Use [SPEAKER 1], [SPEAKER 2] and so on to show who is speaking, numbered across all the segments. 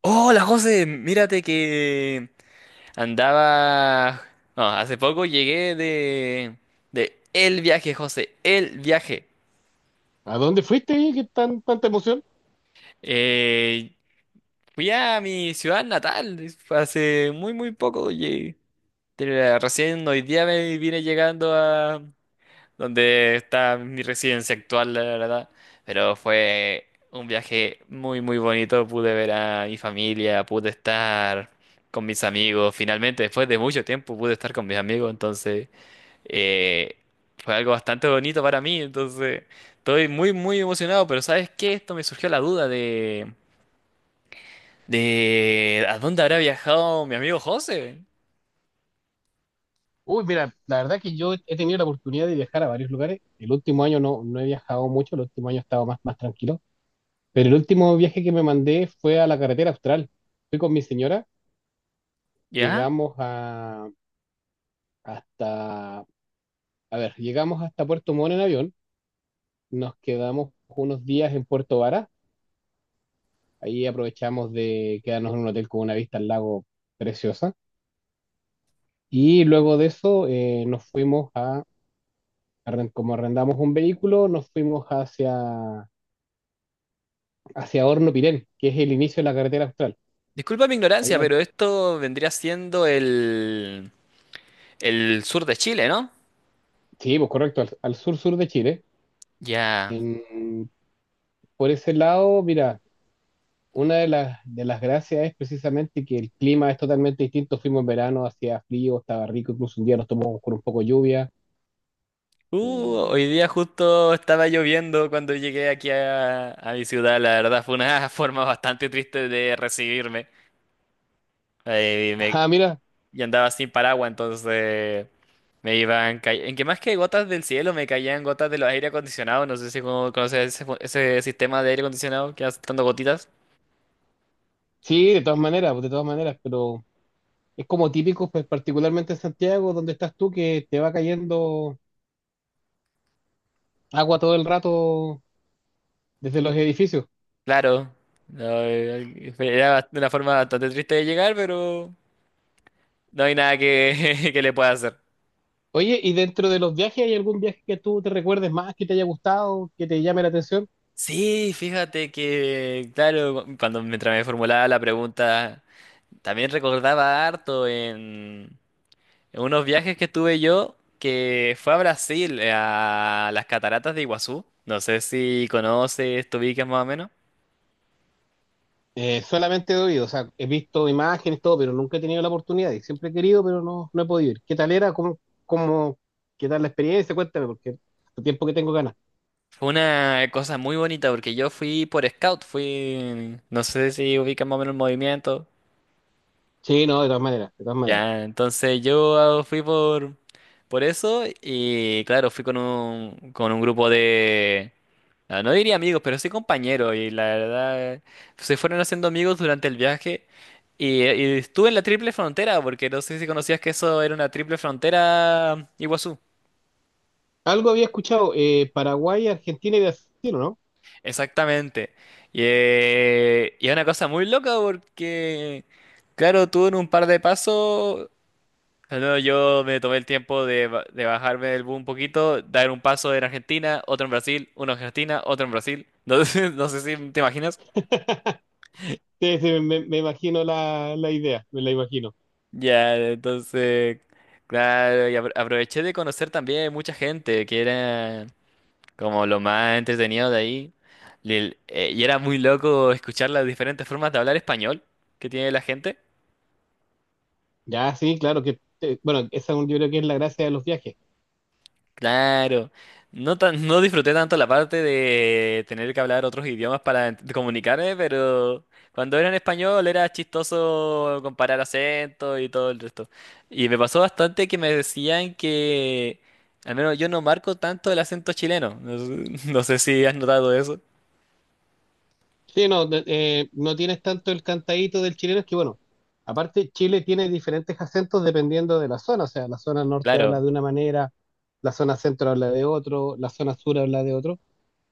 [SPEAKER 1] Hola José, mírate que andaba... No, hace poco llegué de el viaje, José, el viaje.
[SPEAKER 2] ¿A dónde fuiste ahí? ¿Qué tan, tanta emoción?
[SPEAKER 1] Eh, Fui a mi ciudad natal, hace muy muy poco llegué. Recién hoy día me vine llegando donde está mi residencia actual, la verdad. Pero fue un viaje muy, muy bonito. Pude ver a mi familia, pude estar con mis amigos. Finalmente, después de mucho tiempo, pude estar con mis amigos. Entonces, eh, fue algo bastante bonito para mí. Entonces, estoy muy, muy emocionado. Pero ¿sabes qué? Esto me surgió la duda de ¿a dónde habrá viajado mi amigo José?
[SPEAKER 2] Uy, mira, la verdad que yo he tenido la oportunidad de viajar a varios lugares. El último año no he viajado mucho, el último año he estado más tranquilo. Pero el último viaje que me mandé fue a la carretera austral. Fui con mi señora,
[SPEAKER 1] ¿Ya?
[SPEAKER 2] llegamos a, hasta, a ver, llegamos hasta Puerto Montt en avión, nos quedamos unos días en Puerto Vara, ahí aprovechamos de quedarnos en un hotel con una vista al lago preciosa. Y luego de eso nos fuimos a como arrendamos un vehículo, nos fuimos hacia Horno Pirén, que es el inicio de la carretera austral.
[SPEAKER 1] Disculpa mi ignorancia,
[SPEAKER 2] Ahí, a-
[SPEAKER 1] pero esto vendría siendo el sur de Chile, ¿no?
[SPEAKER 2] sí, pues correcto, al sur-sur de Chile.
[SPEAKER 1] Ya.
[SPEAKER 2] En- por ese lado, mira, una de de las gracias es precisamente que el clima es totalmente distinto. Fuimos en verano, hacía frío, estaba rico, incluso un día nos tomamos con un poco de lluvia. Eh,
[SPEAKER 1] Hoy día justo estaba lloviendo cuando llegué aquí a mi ciudad. La verdad fue una forma bastante triste de recibirme. Eh, y me,
[SPEAKER 2] ah, mira,
[SPEAKER 1] y andaba sin paraguas, entonces me iban... En que más que gotas del cielo, me caían gotas de los aire acondicionados. No sé si conoces ese, ese sistema de aire acondicionado que va saltando gotitas.
[SPEAKER 2] sí, de todas maneras, pues, de todas maneras, pero es como típico, pues particularmente en Santiago, donde estás tú, que te va cayendo agua todo el rato desde los edificios.
[SPEAKER 1] Claro. No, era una forma bastante triste de llegar, pero no hay nada que, que le pueda hacer.
[SPEAKER 2] Oye, ¿y dentro de los viajes hay algún viaje que tú te recuerdes más, que te haya gustado, que te llame la atención?
[SPEAKER 1] Sí, fíjate que, claro, cuando mientras me formulaba la pregunta, también recordaba harto en unos viajes que tuve yo, que fue a Brasil, a las cataratas de Iguazú. No sé si conoces, te ubicas más o menos.
[SPEAKER 2] Solamente he oído, o sea, he visto imágenes, todo, pero nunca he tenido la oportunidad y siempre he querido, pero no he podido ir. ¿Qué tal era? Cómo, ¿qué tal la experiencia? Cuéntame, porque hace tiempo que tengo ganas.
[SPEAKER 1] Fue una cosa muy bonita porque yo fui por scout, fui, no sé si ubicas más o menos el movimiento.
[SPEAKER 2] Sí, no, de todas maneras, de todas maneras.
[SPEAKER 1] Ya, entonces yo fui por eso y claro, fui con un grupo de, ah, no diría amigos, pero sí compañeros y la verdad se fueron haciendo amigos durante el viaje y estuve en la triple frontera porque no sé si conocías que eso era una triple frontera Iguazú.
[SPEAKER 2] Algo había escuchado, Paraguay, Argentina y Brasil, ¿no?
[SPEAKER 1] Exactamente. Y es una cosa muy loca porque, claro, tú en un par de pasos. Ah, no, yo me tomé el tiempo de bajarme del boom un poquito, dar un paso en Argentina, otro en Brasil, uno en Argentina, otro en Brasil. No sé, no sé si te imaginas.
[SPEAKER 2] Sí, sí, me imagino la idea, me la imagino.
[SPEAKER 1] Ya, entonces, claro, y aproveché de conocer también mucha gente, que era como lo más entretenido de ahí. Y, y era muy loco escuchar las diferentes formas de hablar español que tiene la gente.
[SPEAKER 2] Ya, sí, claro que, bueno, yo creo que es la gracia de los viajes.
[SPEAKER 1] Claro. No tan, no disfruté tanto la parte de tener que hablar otros idiomas para comunicarme, pero cuando era en español era chistoso comparar acentos y todo el resto. Y me pasó bastante que me decían que al menos yo no marco tanto el acento chileno. No sé, no sé si has notado eso.
[SPEAKER 2] Sí, no, no tienes tanto el cantadito del chileno, es que bueno, aparte Chile tiene diferentes acentos dependiendo de la zona, o sea, la zona norte habla
[SPEAKER 1] Claro.
[SPEAKER 2] de una manera, la zona centro habla de otro, la zona sur habla de otro,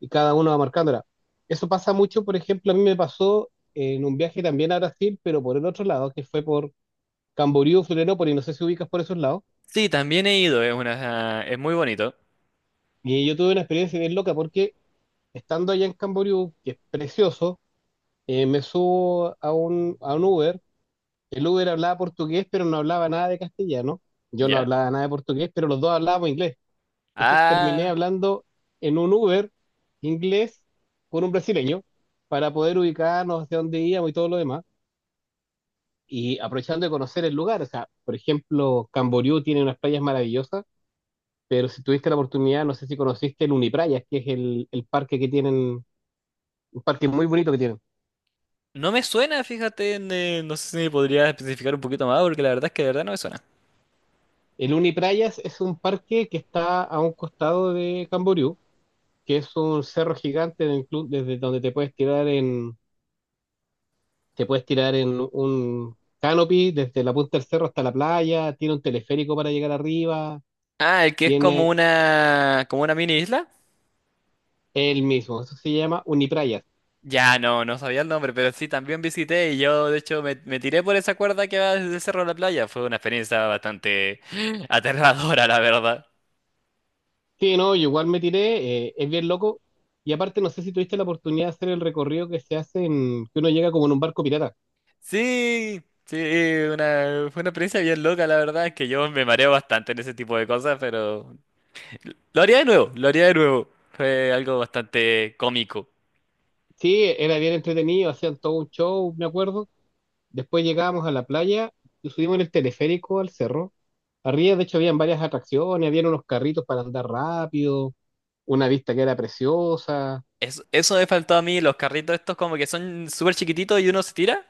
[SPEAKER 2] y cada uno va marcándola. Eso pasa mucho, por ejemplo, a mí me pasó en un viaje también a Brasil, pero por el otro lado, que fue por Camboriú, Florianópolis, no sé si ubicas por esos lados,
[SPEAKER 1] Sí, también he ido, es una, es muy bonito.
[SPEAKER 2] y yo tuve una experiencia bien loca porque estando allá en Camboriú, que es precioso, me subo a a un Uber. El Uber hablaba portugués, pero no hablaba nada de castellano. Yo no
[SPEAKER 1] ¿Ya?
[SPEAKER 2] hablaba nada de portugués, pero los dos hablábamos inglés. Entonces terminé
[SPEAKER 1] Ah,
[SPEAKER 2] hablando en un Uber inglés con un brasileño para poder ubicarnos hacia dónde íbamos y todo lo demás. Y aprovechando de conocer el lugar. O sea, por ejemplo, Camboriú tiene unas playas maravillosas, pero si tuviste la oportunidad, no sé si conociste el Uniprayas, que es el parque que tienen, un parque muy bonito que tienen.
[SPEAKER 1] no me suena, fíjate, no sé si me podría especificar un poquito más, porque la verdad es que de verdad no me suena.
[SPEAKER 2] El Uniprayas es un parque que está a un costado de Camboriú que es un cerro gigante del club desde donde te puedes tirar en un canopy desde la punta del cerro hasta la playa, tiene un teleférico para llegar arriba,
[SPEAKER 1] Ah, el que es
[SPEAKER 2] tiene
[SPEAKER 1] como una mini isla.
[SPEAKER 2] el mismo, eso se llama Uniprayas.
[SPEAKER 1] Ya, no, no sabía el nombre, pero sí, también visité y yo, de hecho, me tiré por esa cuerda que va desde el cerro a la playa. Fue una experiencia bastante aterradora, la verdad.
[SPEAKER 2] Sí, no, yo igual me tiré, es bien loco. Y aparte, no sé si tuviste la oportunidad de hacer el recorrido que uno llega como en un barco pirata.
[SPEAKER 1] Sí, sí, una, fue una experiencia bien loca, la verdad, es que yo me mareo bastante en ese tipo de cosas, pero lo haría de nuevo, lo haría de nuevo. Fue algo bastante cómico.
[SPEAKER 2] Sí, era bien entretenido, hacían todo un show, me acuerdo. Después llegábamos a la playa, nos subimos en el teleférico al cerro. Arriba, de hecho, habían varias atracciones, habían unos carritos para andar rápido, una vista que era preciosa.
[SPEAKER 1] Eso me faltó a mí, los carritos estos como que son súper chiquititos y uno se tira.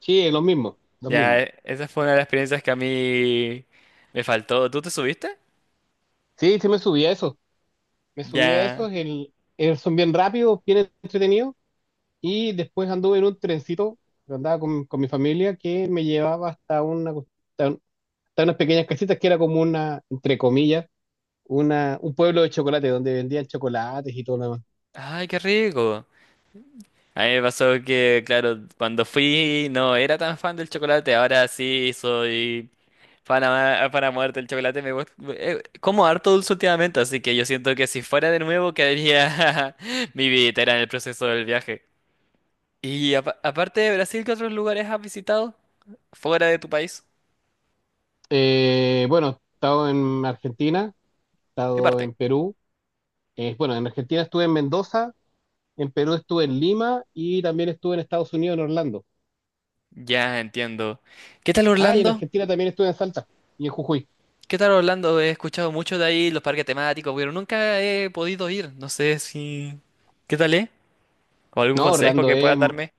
[SPEAKER 2] Sí, los mismos, los
[SPEAKER 1] Ya,
[SPEAKER 2] mismos.
[SPEAKER 1] esa fue una de las experiencias que a mí me faltó. ¿Tú te subiste?
[SPEAKER 2] Sí, sí me subí a esos, me subí a
[SPEAKER 1] Ya.
[SPEAKER 2] esos, son bien rápidos, bien entretenidos. Y después anduve en un trencito, que andaba con mi familia, que me llevaba hasta una, cos- hasta, un- hasta unas pequeñas casitas que era como una, entre comillas, un pueblo de chocolate, donde vendían chocolates y todo lo demás.
[SPEAKER 1] Ay, qué rico. A mí me pasó que, claro, cuando fui no era tan fan del chocolate, ahora sí soy fan a, fan a muerte del chocolate. Me gusta, como harto dulce últimamente, así que yo siento que si fuera de nuevo quedaría mi billetera en el proceso del viaje. Y aparte de Brasil, ¿qué otros lugares has visitado fuera de tu país?
[SPEAKER 2] Bueno, he estado en Argentina, he
[SPEAKER 1] ¿Qué
[SPEAKER 2] estado
[SPEAKER 1] parte?
[SPEAKER 2] en Perú. Bueno, en Argentina estuve en Mendoza, en Perú estuve en Lima y también estuve en Estados Unidos, en Orlando.
[SPEAKER 1] Ya entiendo. ¿Qué tal
[SPEAKER 2] Ah, y en
[SPEAKER 1] Orlando?
[SPEAKER 2] Argentina también estuve en Salta y en Jujuy.
[SPEAKER 1] ¿Qué tal Orlando? He escuchado mucho de ahí los parques temáticos, pero nunca he podido ir. No sé si... ¿Qué tal, eh? ¿O algún ujú
[SPEAKER 2] No,
[SPEAKER 1] consejo que puedas darme?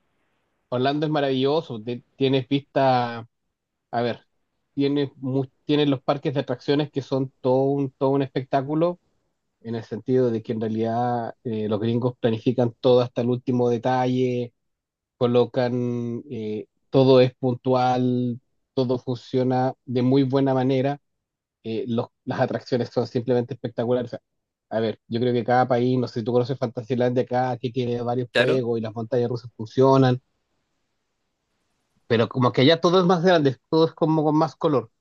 [SPEAKER 2] Orlando es maravilloso. Tienes vista, a ver, tienes los parques de atracciones que son todo un espectáculo, en el sentido de que en realidad los gringos planifican todo hasta el último detalle, colocan, todo es puntual, todo funciona de muy buena manera, las atracciones son simplemente espectaculares. O sea, a ver, yo creo que cada país, no sé si tú conoces Fantasylandia acá, aquí tiene varios
[SPEAKER 1] Claro.
[SPEAKER 2] juegos y las montañas rusas funcionan, pero como que allá todo es más grande, todo es como con más color.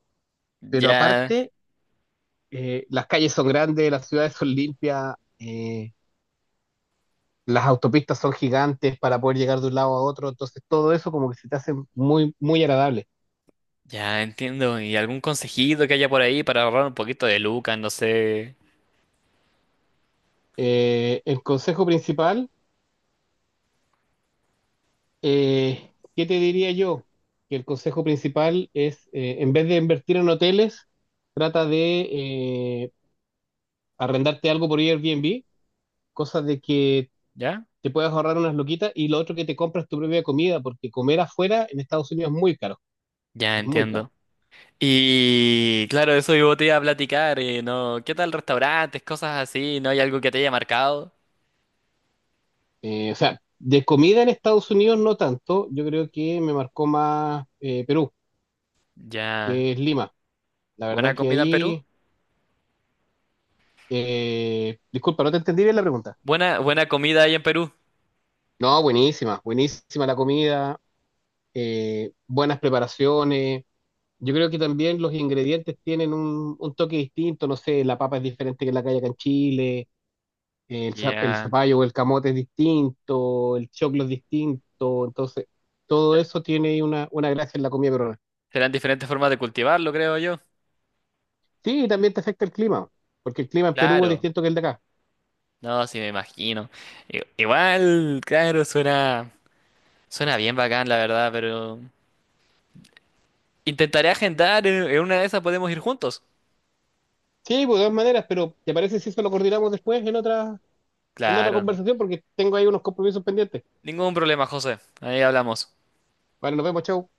[SPEAKER 2] Pero
[SPEAKER 1] Ya,
[SPEAKER 2] aparte, las calles son grandes, las ciudades son limpias, las autopistas son gigantes para poder llegar de un lado a otro, entonces todo eso como que se te hace muy agradable.
[SPEAKER 1] ya entiendo. ¿Y algún consejito que haya por ahí para ahorrar un poquito de lucas? No sé.
[SPEAKER 2] El consejo principal, ¿qué te diría yo? Que el consejo principal es, en vez de invertir en hoteles, trata de eh, arrendarte algo por Airbnb, cosa de que
[SPEAKER 1] ¿Ya?
[SPEAKER 2] te puedas ahorrar unas loquitas y lo otro que te compras tu propia comida, porque comer afuera en Estados Unidos es muy caro,
[SPEAKER 1] Ya
[SPEAKER 2] es muy caro.
[SPEAKER 1] entiendo. Y claro, eso yo te iba a platicar, ¿no? ¿Qué tal restaurantes, cosas así? ¿No hay algo que te haya marcado?
[SPEAKER 2] O sea, de comida en Estados Unidos no tanto, yo creo que me marcó más Perú,
[SPEAKER 1] Ya.
[SPEAKER 2] que es Lima. La
[SPEAKER 1] ¿Buena
[SPEAKER 2] verdad que
[SPEAKER 1] comida en Perú?
[SPEAKER 2] ahí, disculpa, no te entendí bien la pregunta.
[SPEAKER 1] Buena, buena comida ahí en Perú.
[SPEAKER 2] No, buenísima, buenísima la comida, buenas preparaciones. Yo creo que también los ingredientes tienen un toque distinto, no sé, la papa es diferente que la que hay acá en Chile, el
[SPEAKER 1] Ya.
[SPEAKER 2] zapallo o el camote es distinto, el choclo es distinto, entonces todo eso tiene una gracia en la comida peruana.
[SPEAKER 1] Serán diferentes formas de cultivarlo, creo yo.
[SPEAKER 2] Sí, y también te afecta el clima, porque el clima en Perú es
[SPEAKER 1] Claro,
[SPEAKER 2] distinto que el de acá.
[SPEAKER 1] no, sí me imagino. I- Igual, claro, suena, suena bien bacán, la verdad, pero intentaré agendar, en una de esas podemos ir juntos.
[SPEAKER 2] Sí, pues, de todas maneras, pero ¿te parece si eso lo coordinamos después en otra
[SPEAKER 1] Claro,
[SPEAKER 2] conversación? Porque tengo ahí unos compromisos pendientes.
[SPEAKER 1] ningún problema, José. Ahí hablamos.
[SPEAKER 2] Vale, nos vemos, chao.